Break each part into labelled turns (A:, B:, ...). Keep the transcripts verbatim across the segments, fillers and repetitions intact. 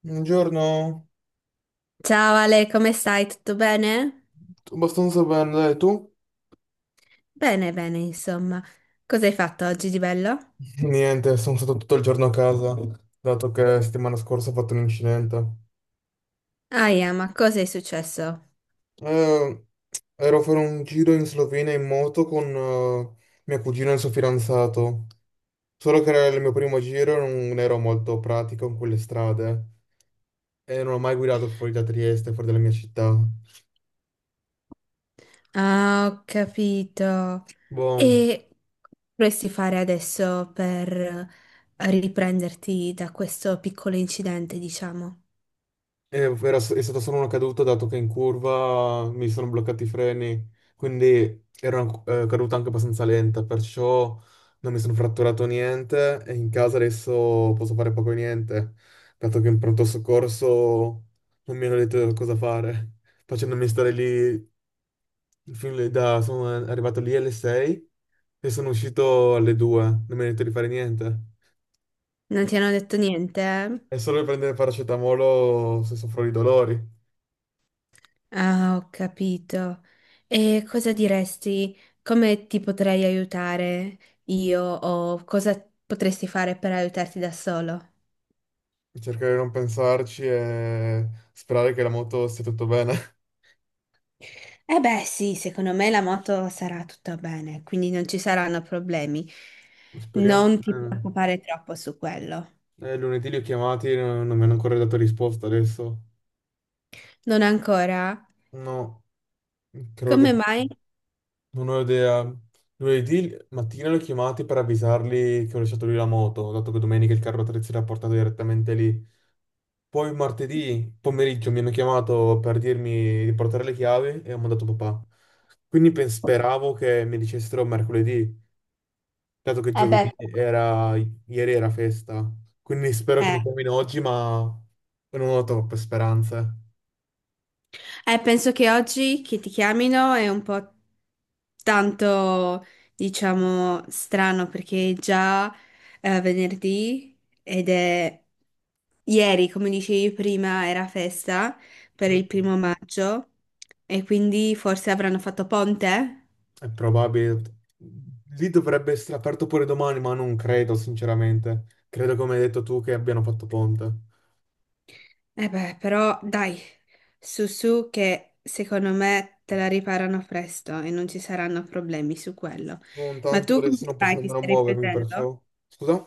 A: Buongiorno.
B: Ciao Ale, come stai? Tutto bene?
A: Tutto abbastanza bene, dai, tu?
B: Bene, bene, insomma. Cosa hai fatto oggi di bello?
A: Niente, sono stato tutto il giorno a casa, dato che settimana scorsa ho fatto un incidente.
B: Ah, yeah, ma cosa è successo?
A: Eh, Ero a fare un giro in Slovenia in moto con eh, mio cugino e il suo fidanzato, solo che era il mio primo giro e non ero molto pratico in quelle strade e non ho mai guidato fuori da Trieste, fuori dalla mia città.
B: Ah, ho capito.
A: Boh.
B: E vorresti fare adesso per riprenderti da questo piccolo incidente, diciamo?
A: Eh, era- è stata solo una caduta dato che in curva mi sono bloccati i freni, quindi era una eh, caduta anche abbastanza lenta, perciò non mi sono fratturato niente e in casa adesso posso fare poco e niente, dato che in pronto soccorso non mi hanno detto cosa fare, facendomi stare lì, fin lì da- sono arrivato lì alle sei e sono uscito alle due, non mi hanno detto di fare niente.
B: Non ti hanno detto niente? eh?
A: È solo per prendere paracetamolo se soffro di dolori.
B: Ah, ho capito. E cosa diresti? Come ti potrei aiutare io o cosa potresti fare per aiutarti da solo?
A: Cercare di non pensarci e sperare che la moto stia tutto bene.
B: Eh beh, sì, secondo me la moto sarà tutta bene, quindi non ci saranno problemi.
A: Speriamo.
B: Non ti preoccupare troppo su quello.
A: Eh, eh, lunedì li ho chiamati, no- non mi hanno ancora dato risposta adesso.
B: Non ancora?
A: No, credo
B: Come
A: che
B: mai?
A: non ho idea. Lunedì mattina li ho chiamati per avvisarli che ho lasciato lì la moto, dato che domenica il carro attrezzi l'ha portato direttamente lì. Poi martedì pomeriggio mi hanno chiamato per dirmi di portare le chiavi e ho mandato papà. Quindi pens- speravo che mi dicessero mercoledì, dato che
B: Eh beh,
A: giovedì
B: però-
A: era, ieri era festa, quindi spero che
B: eh.
A: mi chiamino oggi, ma non ho troppe speranze.
B: Eh, penso che oggi che ti chiamino è un po' tanto, diciamo, strano perché è già eh, venerdì ed è ieri, come dicevi prima, era festa per
A: Mm.
B: il primo maggio, e quindi forse avranno fatto ponte?
A: È probabile. Lì dovrebbe essere aperto pure domani, ma non credo, sinceramente. Credo, come hai detto tu, che abbiano fatto ponte.
B: Eh beh, però dai, su su che secondo me te la riparano presto e non ci saranno problemi su quello.
A: Non
B: Ma
A: tanto,
B: tu come
A: adesso non posso
B: stai? Ti
A: nemmeno
B: stai
A: muovermi,
B: riprendendo?
A: perciò... Scusa?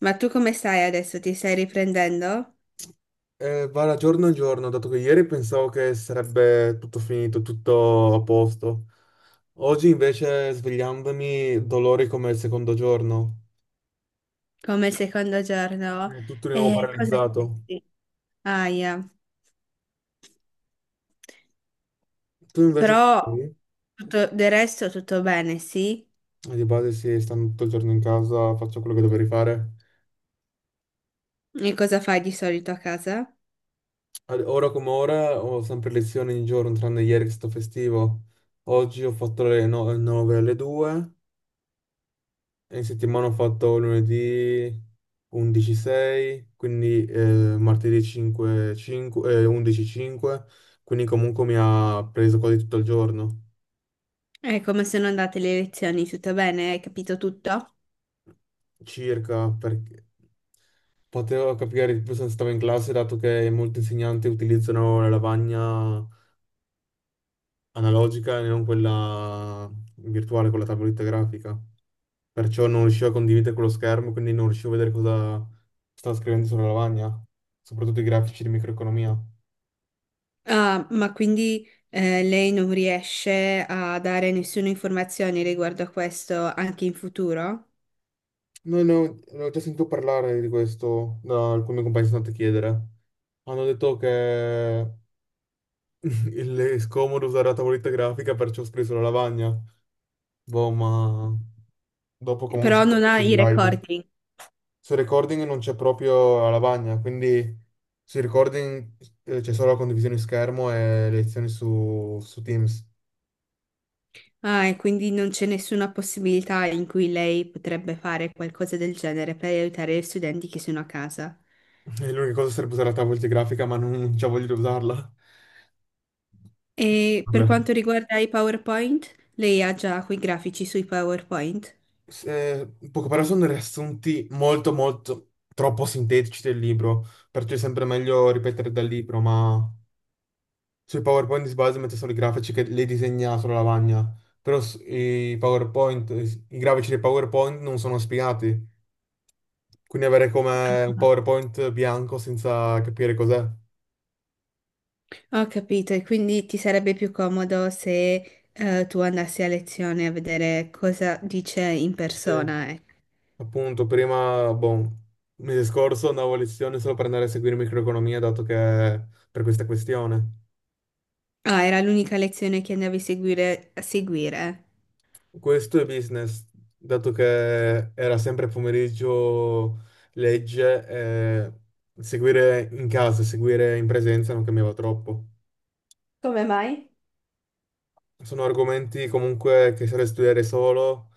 B: Ma tu come stai adesso? Ti stai riprendendo?
A: Eh, va da giorno in giorno, dato che ieri pensavo che sarebbe tutto finito, tutto a posto. Oggi invece svegliandomi, dolori come il secondo giorno.
B: Come il secondo giorno?
A: È tutto di nuovo
B: E cosa
A: paralizzato.
B: senti? Aia.
A: Tu invece,
B: Però
A: come
B: tutto, del resto tutto bene, sì?
A: sei? Di base, sì, stando tutto il giorno in casa, faccio quello che dovrei fare.
B: E cosa fai di solito a casa?
A: Ad- Ora come ora ho sempre lezioni ogni giorno, tranne ieri che sto festivo. Oggi ho fatto le nove alle due e in settimana ho fatto lunedì undici sei, quindi eh, martedì cinque, cinque, eh, undici cinque, quindi comunque mi ha preso quasi tutto il giorno,
B: È come sono andate le lezioni, tutto bene? Hai capito tutto?
A: circa perché... Potevo capire di più se stavo in classe, dato che molti insegnanti utilizzano la lavagna analogica e non quella virtuale con la tavoletta grafica. Perciò non riuscivo a condividere quello schermo, quindi non riuscivo a vedere cosa stava scrivendo sulla lavagna, soprattutto i grafici di microeconomia.
B: Ah, ma quindi eh, lei non riesce a dare nessuna informazione riguardo a questo anche in futuro?
A: No, no, ne ho già sentito parlare di questo da alcuni compagni che sono andato a chiedere. Hanno detto che il- è scomodo usare la tavoletta grafica, perciò ho scritto sulla lavagna. Boh, ma dopo comunque ci
B: Però
A: sono
B: non ha
A: le
B: i
A: slide.
B: recording.
A: Sul recording non c'è proprio la lavagna, quindi sul recording eh, c'è solo la condivisione schermo e le lezioni su, su Teams.
B: Ah, e quindi non c'è nessuna possibilità in cui lei potrebbe fare qualcosa del genere per aiutare gli studenti che sono a casa.
A: E l'unica cosa sarebbe usare la tavoletta grafica, ma non, non c'ho voglia di usarla.
B: E per
A: Vabbè.
B: quanto riguarda i PowerPoint, lei ha già quei grafici sui PowerPoint?
A: Se- poco, però sono dei riassunti molto, molto troppo sintetici del libro, perciò è sempre meglio ripetere dal libro, ma sui PowerPoint di base mette solo i grafici che le disegna sulla lavagna, però s- i PowerPoint, i grafici dei PowerPoint non sono spiegati. Quindi avere come un PowerPoint bianco senza capire cos'è.
B: Ho capito, e quindi ti sarebbe più comodo se eh, tu andassi a lezione a vedere cosa dice in
A: Sì,
B: persona, eh.
A: appunto, prima, boh, mese scorso andavo a lezione solo per andare a seguire microeconomia, dato che per questa questione.
B: Ah, era l'unica lezione che andavi a seguire, a seguire.
A: Questo è business, dato che era sempre pomeriggio legge, eh, seguire in casa, seguire in presenza non cambiava troppo.
B: Come mai?
A: Sono argomenti comunque che serve studiare solo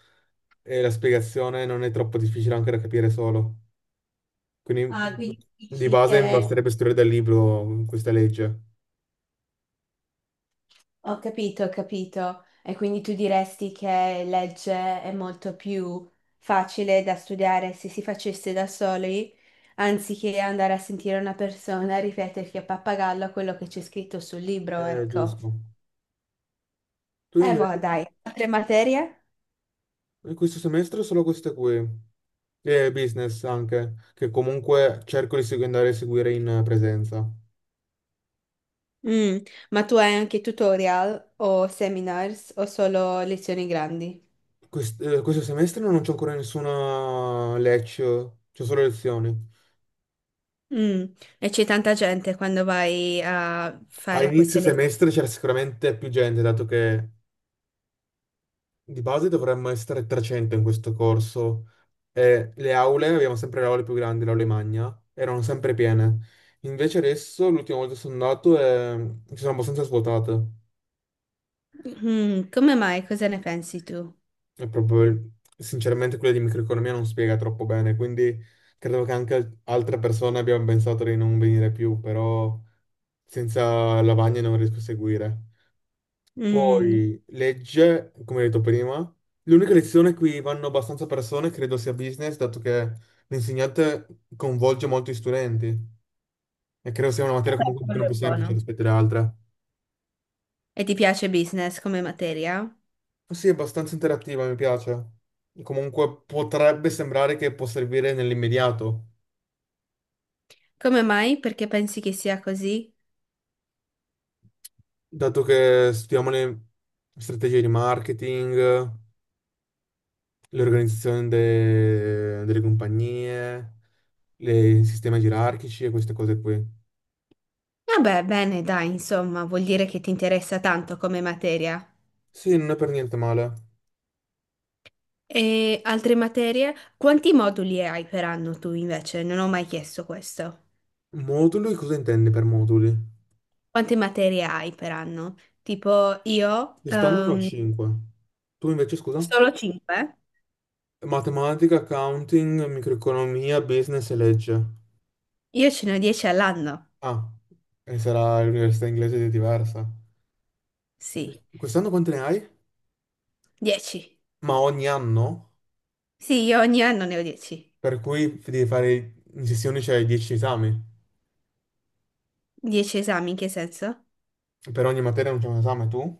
A: e la spiegazione non è troppo difficile anche da capire solo. Quindi
B: Ah, quindi
A: di
B: dici
A: base mi
B: che...
A: basterebbe scrivere dal libro questa legge.
B: Ho capito, ho capito. E quindi tu diresti che legge è molto più facile da studiare se si facesse da soli, anziché andare a sentire una persona ripeterti a pappagallo quello che c'è scritto sul libro,
A: Eh,
B: ecco.
A: giusto. Tu
B: Eh, boh,
A: invece,
B: dai, altre materie?
A: in questo semestre solo queste qui, e business anche, che comunque cerco di segu- andare a seguire in presenza.
B: Mm, ma tu hai anche tutorial o seminars o solo lezioni grandi?
A: Quest- eh, questo semestre non c'ho ancora nessuna lecture, c'ho solo lezioni.
B: Mm, e c'è tanta gente quando vai a
A: A
B: fare
A: inizio
B: queste
A: semestre c'era sicuramente più gente, dato che di base dovremmo essere trecento in questo corso e le aule, abbiamo sempre le aule più grandi, le aule magna, erano sempre piene. Invece adesso, l'ultima volta che sono andato, eh, ci sono abbastanza svuotate.
B: lezioni. come mai? Cosa ne pensi tu?
A: E proprio, sinceramente, quella di microeconomia non spiega troppo bene, quindi credo che anche altre persone abbiano pensato di non venire più, però senza la lavagna non riesco a seguire.
B: Mm,
A: Poi legge, come detto prima, l'unica lezione qui vanno abbastanza persone credo sia business, dato che l'insegnante coinvolge molto gli studenti e credo sia una materia comunque un pochino
B: quello
A: più
B: è
A: semplice
B: buono.
A: rispetto alle altre.
B: E ti piace business come materia?
A: Sì, è abbastanza interattiva, mi piace. Comunque potrebbe sembrare che può servire nell'immediato,
B: Come mai? Perché pensi che sia così?
A: dato che studiamo le strategie di marketing, le organizzazioni de- delle compagnie, le- i sistemi gerarchici e queste cose qui.
B: Vabbè, bene, dai, insomma, vuol dire che ti interessa tanto come materia.
A: Sì, non è per niente male.
B: E altre materie? Quanti moduli hai per anno tu invece? Non ho mai chiesto questo.
A: Moduli, cosa intendi per moduli?
B: Quante materie hai per anno? Tipo io,
A: Quest'anno ne ho
B: ehm,
A: cinque. Tu invece, scusa?
B: solo cinque.
A: Matematica, accounting, microeconomia, business e legge.
B: Io ce ne ho dieci all'anno.
A: Ah, e sarà l'università inglese di diversa.
B: Sì,
A: Quest'anno quante ne hai?
B: dieci.
A: Ma ogni anno?
B: Sì, io ogni anno ne ho dieci.
A: Per cui devi fare in sessioni c'è dieci esami.
B: dieci esami, in che senso?
A: Per ogni materia non c'è un esame tu?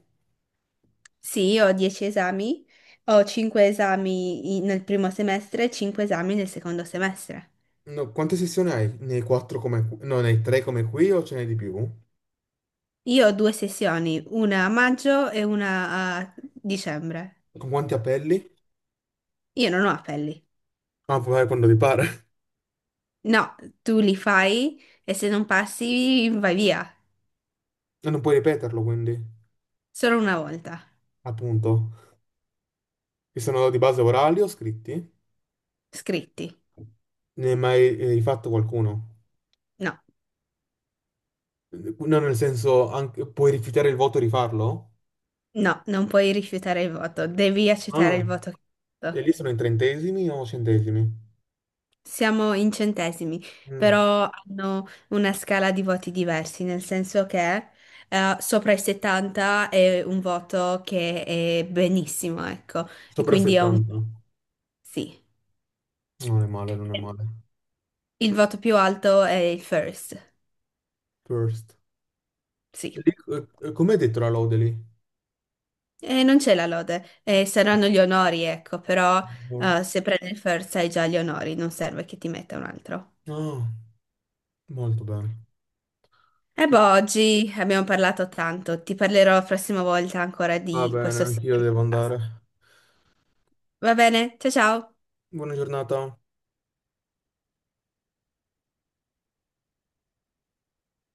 B: Sì, io ho dieci esami, ho cinque esami in- nel primo semestre e cinque esami nel secondo semestre.
A: No, quante sessioni hai? Ne hai quattro come qui? No, ne hai tre come qui o ce n'hai di più?
B: Io ho due sessioni, una a maggio e una a dicembre.
A: Con quanti appelli?
B: Io non ho appelli.
A: Ah, puoi fare quando ti pare.
B: No, tu li fai e se non passi vai via.
A: E non puoi ripeterlo, quindi,
B: Solo una volta.
A: appunto. Che sono di base orali o scritti?
B: Scritti.
A: Ne hai mai eh, rifatto qualcuno?
B: No,
A: No, nel senso, anche- puoi rifiutare il voto e rifarlo?
B: no, non puoi rifiutare il voto. Devi accettare il
A: Ah,
B: voto che hai
A: e
B: fatto.
A: lì sono in trentesimi o centesimi?
B: Siamo in centesimi,
A: Mm.
B: però hanno una scala di voti diversi, nel senso che eh, sopra i settanta è un voto che è benissimo, ecco. E
A: Sopra
B: quindi è un
A: settanta.
B: sì.
A: Non è male, non è male.
B: Il voto più alto è il first.
A: First.
B: Sì.
A: E lì, eh, eh, com'è detto la lode lì?
B: Eh, non c'è la lode, eh, saranno gli onori, ecco, però
A: Buon-
B: eh, se prendi il first hai già gli onori, non serve che ti metta un altro.
A: Ah, molto bene.
B: E boh, oggi abbiamo parlato tanto, ti parlerò la prossima volta ancora
A: Va
B: di
A: bene,
B: questo
A: anch'io
B: sistema di
A: devo
B: pasta.
A: andare.
B: Va bene? Ciao ciao!
A: Buona giornata.